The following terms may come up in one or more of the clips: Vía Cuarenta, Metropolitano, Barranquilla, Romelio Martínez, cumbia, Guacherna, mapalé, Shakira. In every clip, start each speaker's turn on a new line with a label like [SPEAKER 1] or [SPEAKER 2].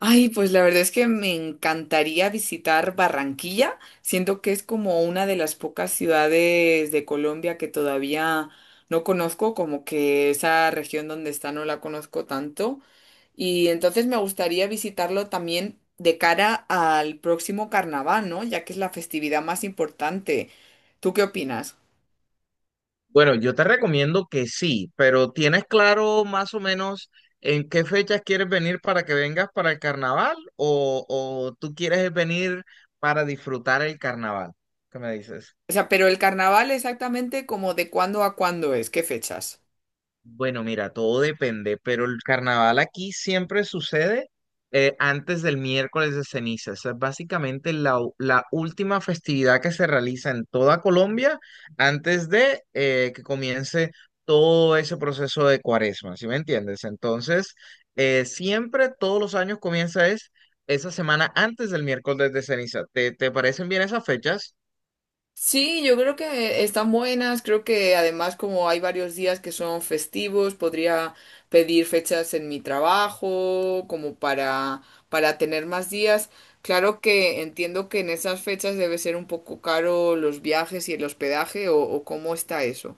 [SPEAKER 1] Ay, pues la verdad es que me encantaría visitar Barranquilla, siento que es como una de las pocas ciudades de Colombia que todavía no conozco, como que esa región donde está no la conozco tanto, y entonces me gustaría visitarlo también de cara al próximo carnaval, ¿no? Ya que es la festividad más importante. ¿Tú qué opinas?
[SPEAKER 2] Bueno, yo te recomiendo que sí, pero ¿tienes claro más o menos en qué fechas quieres venir para que vengas para el carnaval o tú quieres venir para disfrutar el carnaval? ¿Qué me dices?
[SPEAKER 1] O sea, pero el carnaval exactamente como de cuándo a cuándo es, ¿qué fechas?
[SPEAKER 2] Bueno, mira, todo depende, pero el carnaval aquí siempre sucede antes del miércoles de ceniza. Esa es básicamente la última festividad que se realiza en toda Colombia antes de que comience todo ese proceso de cuaresma, ¿sí me entiendes? Entonces, siempre, todos los años comienza es esa semana antes del miércoles de ceniza. ¿Te parecen bien esas fechas?
[SPEAKER 1] Sí, yo creo que están buenas, creo que además como hay varios días que son festivos, podría pedir fechas en mi trabajo como para tener más días. Claro que entiendo que en esas fechas debe ser un poco caro los viajes y el hospedaje o cómo está eso.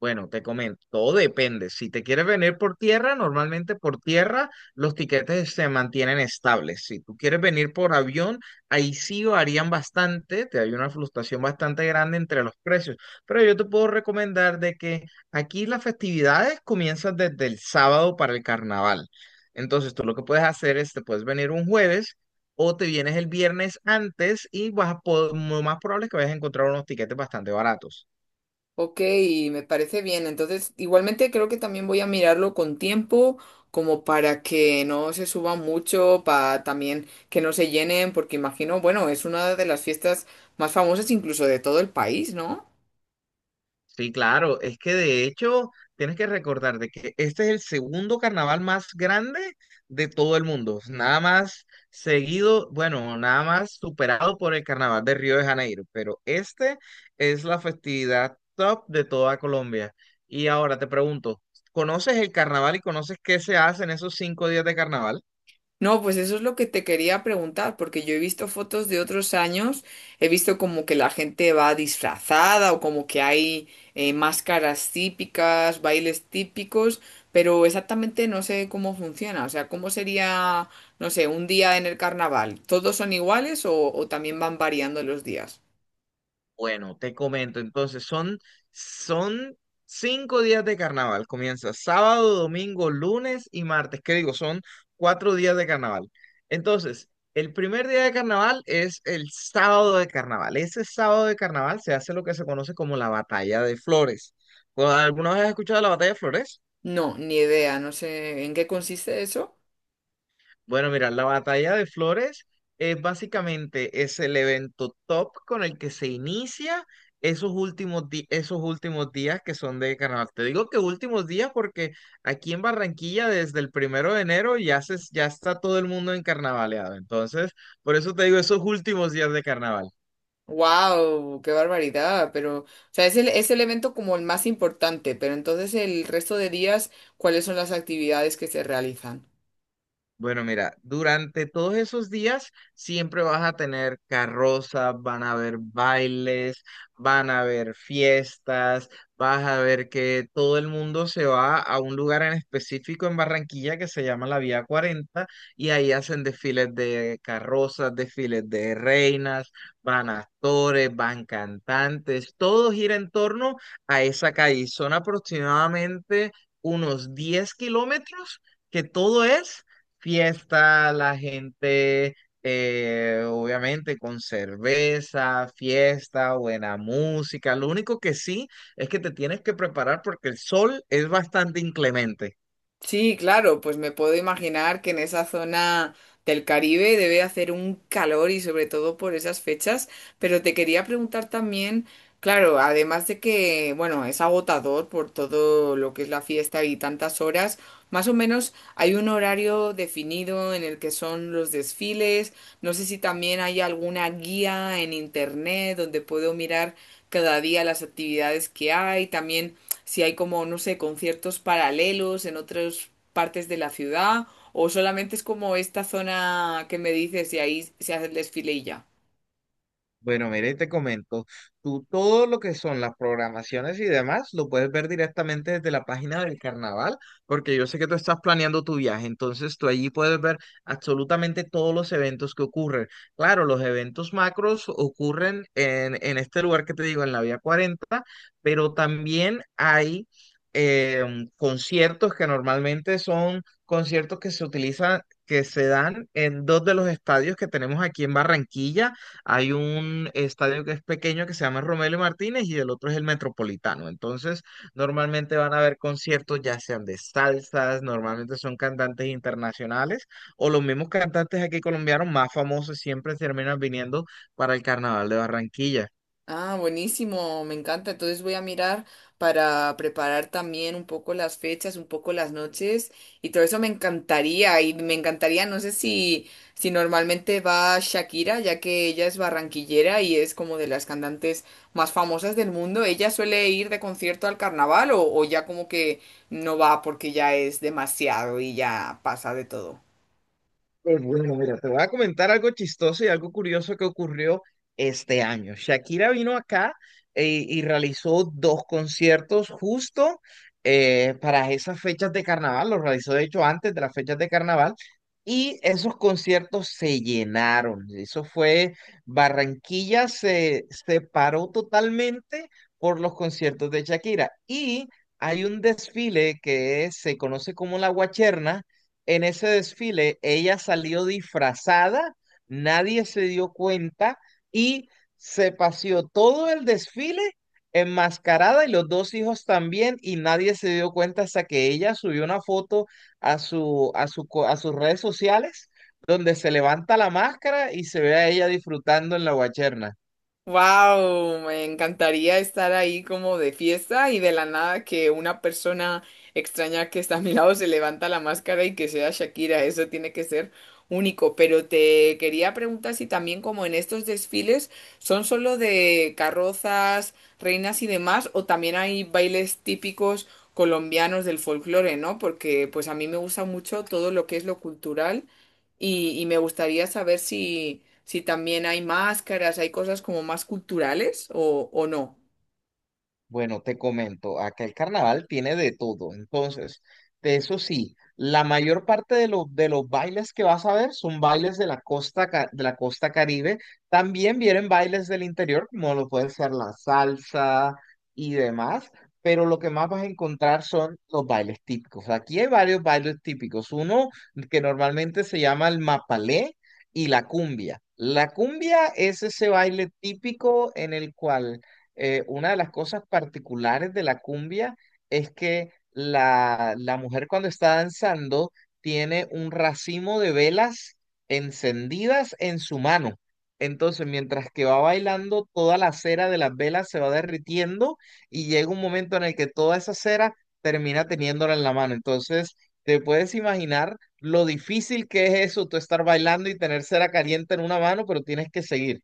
[SPEAKER 2] Bueno, te comento, todo depende. Si te quieres venir por tierra, normalmente por tierra los tiquetes se mantienen estables. Si tú quieres venir por avión, ahí sí varían bastante, te hay una fluctuación bastante grande entre los precios. Pero yo te puedo recomendar de que aquí las festividades comienzan desde el sábado para el carnaval. Entonces, tú lo que puedes hacer es, te puedes venir un jueves. O te vienes el viernes antes y vas a lo más probable es que vayas a encontrar unos tiquetes bastante baratos.
[SPEAKER 1] Ok, me parece bien. Entonces, igualmente creo que también voy a mirarlo con tiempo, como para que no se suba mucho, para también que no se llenen, porque imagino, bueno, es una de las fiestas más famosas incluso de todo el país, ¿no?
[SPEAKER 2] Sí, claro, es que de hecho tienes que recordar de que este es el segundo carnaval más grande de todo el mundo, nada más seguido, bueno, nada más superado por el carnaval de Río de Janeiro, pero este es la festividad top de toda Colombia. Y ahora te pregunto, ¿conoces el carnaval y conoces qué se hace en esos 5 días de carnaval?
[SPEAKER 1] No, pues eso es lo que te quería preguntar, porque yo he visto fotos de otros años, he visto como que la gente va disfrazada o como que hay máscaras típicas, bailes típicos, pero exactamente no sé cómo funciona, o sea, cómo sería, no sé, un día en el carnaval, ¿todos son iguales o también van variando los días?
[SPEAKER 2] Bueno, te comento, entonces son 5 días de carnaval. Comienza sábado, domingo, lunes y martes. ¿Qué digo? Son 4 días de carnaval. Entonces, el primer día de carnaval es el sábado de carnaval. Ese sábado de carnaval se hace lo que se conoce como la batalla de flores. ¿Alguna vez has escuchado la batalla de flores?
[SPEAKER 1] No, ni idea, no sé en qué consiste eso.
[SPEAKER 2] Bueno, mira, la batalla de flores es básicamente es el evento top con el que se inicia esos últimos días que son de carnaval. Te digo que últimos días porque aquí en Barranquilla desde el 1 de enero ya se, ya está todo el mundo en carnavaleado. Entonces, por eso te digo esos últimos días de carnaval.
[SPEAKER 1] Wow, qué barbaridad, pero, o sea, es el evento como el más importante, pero entonces el resto de días, ¿cuáles son las actividades que se realizan?
[SPEAKER 2] Bueno, mira, durante todos esos días siempre vas a tener carrozas, van a haber bailes, van a haber fiestas, vas a ver que todo el mundo se va a un lugar en específico en Barranquilla que se llama la Vía Cuarenta y ahí hacen desfiles de carrozas, desfiles de reinas, van actores, van cantantes, todo gira en torno a esa calle. Son aproximadamente unos 10 kilómetros que todo es fiesta, la gente, obviamente, con cerveza, fiesta, buena música. Lo único que sí es que te tienes que preparar porque el sol es bastante inclemente.
[SPEAKER 1] Sí, claro, pues me puedo imaginar que en esa zona del Caribe debe hacer un calor y sobre todo por esas fechas, pero te quería preguntar también, claro, además de que, bueno, es agotador por todo lo que es la fiesta y tantas horas, más o menos hay un horario definido en el que son los desfiles, no sé si también hay alguna guía en internet donde puedo mirar cada día las actividades que hay, también si hay como, no sé, conciertos paralelos en otras partes de la ciudad o solamente es como esta zona que me dices y ahí se hace el desfile y ya.
[SPEAKER 2] Bueno, mire te comento, tú todo lo que son las programaciones y demás lo puedes ver directamente desde la página del carnaval, porque yo sé que tú estás planeando tu viaje, entonces tú allí puedes ver absolutamente todos los eventos que ocurren. Claro, los eventos macros ocurren en este lugar que te digo, en la Vía cuarenta pero también hay conciertos que normalmente son conciertos que se utilizan, que se dan en dos de los estadios que tenemos aquí en Barranquilla hay un estadio que es pequeño que se llama Romelio Martínez y el otro es el Metropolitano. Entonces, normalmente van a haber conciertos ya sean de salsas, normalmente son cantantes internacionales o los mismos cantantes aquí colombianos más famosos siempre terminan viniendo para el Carnaval de Barranquilla.
[SPEAKER 1] Ah, buenísimo, me encanta. Entonces voy a mirar para preparar también un poco las fechas, un poco las noches y todo eso me encantaría y me encantaría, no sé si normalmente va Shakira, ya que ella es barranquillera y es como de las cantantes más famosas del mundo. ¿Ella suele ir de concierto al carnaval o ya como que no va porque ya es demasiado y ya pasa de todo?
[SPEAKER 2] Pues bueno, mira, te voy a comentar algo chistoso y algo curioso que ocurrió este año. Shakira vino acá y realizó dos conciertos justo para esas fechas de carnaval, los realizó de hecho antes de las fechas de carnaval, y esos conciertos se llenaron. Eso fue, Barranquilla se paró totalmente por los conciertos de Shakira. Y hay un desfile que se conoce como la Guacherna en ese desfile ella salió disfrazada, nadie se dio cuenta y se paseó todo el desfile enmascarada y los dos hijos también y nadie se dio cuenta hasta que ella subió una foto a sus redes sociales donde se levanta la máscara y se ve a ella disfrutando en la guacherna.
[SPEAKER 1] Wow, me encantaría estar ahí como de fiesta y de la nada que una persona extraña que está a mi lado se levanta la máscara y que sea Shakira, eso tiene que ser único. Pero te quería preguntar si también como en estos desfiles son solo de carrozas, reinas y demás, o también hay bailes típicos colombianos del folclore, ¿no? Porque pues a mí me gusta mucho todo lo que es lo cultural y me gustaría saber si también hay máscaras, hay cosas como más culturales o no.
[SPEAKER 2] Bueno, te comento, acá el carnaval tiene de todo. Entonces, de eso sí, la mayor parte de de los bailes que vas a ver son bailes de la costa, de la costa Caribe. También vienen bailes del interior, como lo puede ser la salsa y demás, pero lo que más vas a encontrar son los bailes típicos. Aquí hay varios bailes típicos. Uno que normalmente se llama el mapalé y la cumbia. La cumbia es ese baile típico en el cual una de las cosas particulares de la cumbia es que la mujer cuando está danzando tiene un racimo de velas encendidas en su mano. Entonces, mientras que va bailando, toda la cera de las velas se va derritiendo y llega un momento en el que toda esa cera termina teniéndola en la mano. Entonces, te puedes imaginar lo difícil que es eso, tú estar bailando y tener cera caliente en una mano, pero tienes que seguir.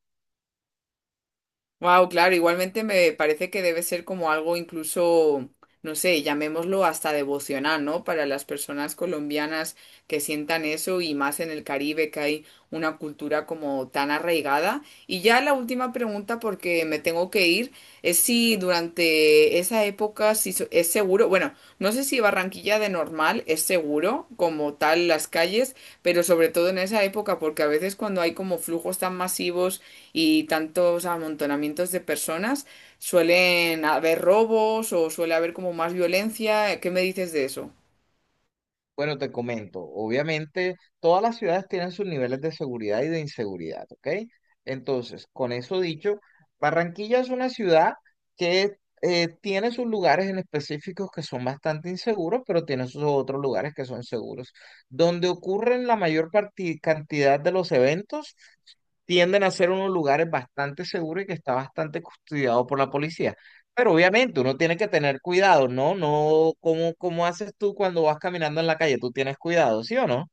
[SPEAKER 1] Wow, claro, igualmente me parece que debe ser como algo incluso, no sé, llamémoslo hasta devocional, ¿no? Para las personas colombianas que sientan eso y más en el Caribe que hay una cultura como tan arraigada. Y ya la última pregunta, porque me tengo que ir, es si durante esa época si so- es seguro, bueno, no sé si Barranquilla de normal es seguro como tal las calles, pero sobre todo en esa época, porque a veces cuando hay como flujos tan masivos y tantos amontonamientos de personas, suelen haber robos o suele haber como más violencia. ¿Qué me dices de eso?
[SPEAKER 2] Bueno, te comento, obviamente todas las ciudades tienen sus niveles de seguridad y de inseguridad, ¿ok? Entonces, con eso dicho, Barranquilla es una ciudad que tiene sus lugares en específicos que son bastante inseguros, pero tiene sus otros lugares que son seguros. Donde ocurren la mayor cantidad de los eventos, tienden a ser unos lugares bastante seguros y que está bastante custodiado por la policía. Pero obviamente uno tiene que tener cuidado, ¿no? No, ¿cómo haces tú cuando vas caminando en la calle? Tú tienes cuidado, ¿sí o no?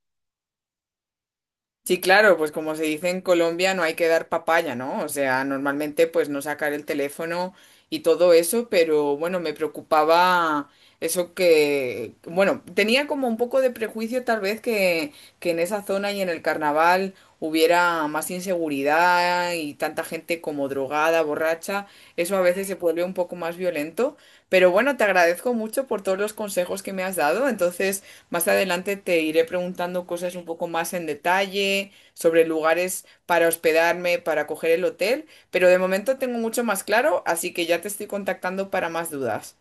[SPEAKER 1] Sí, claro, pues como se dice en Colombia, no hay que dar papaya, ¿no? O sea, normalmente pues no sacar el teléfono y todo eso, pero bueno, me preocupaba eso que, bueno, tenía como un poco de prejuicio tal vez que en esa zona y en el carnaval hubiera más inseguridad y tanta gente como drogada, borracha, eso a veces se vuelve un poco más violento, pero bueno, te agradezco mucho por todos los consejos que me has dado, entonces... Más adelante te iré preguntando cosas un poco más en detalle sobre lugares para hospedarme, para coger el hotel, pero de momento tengo mucho más claro, así que ya te estoy contactando para más dudas.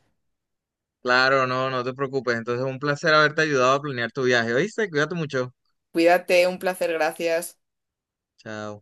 [SPEAKER 2] Claro, no, no te preocupes. Entonces, un placer haberte ayudado a planear tu viaje. ¿Oíste? Cuídate mucho.
[SPEAKER 1] Cuídate, un placer, gracias.
[SPEAKER 2] Chao.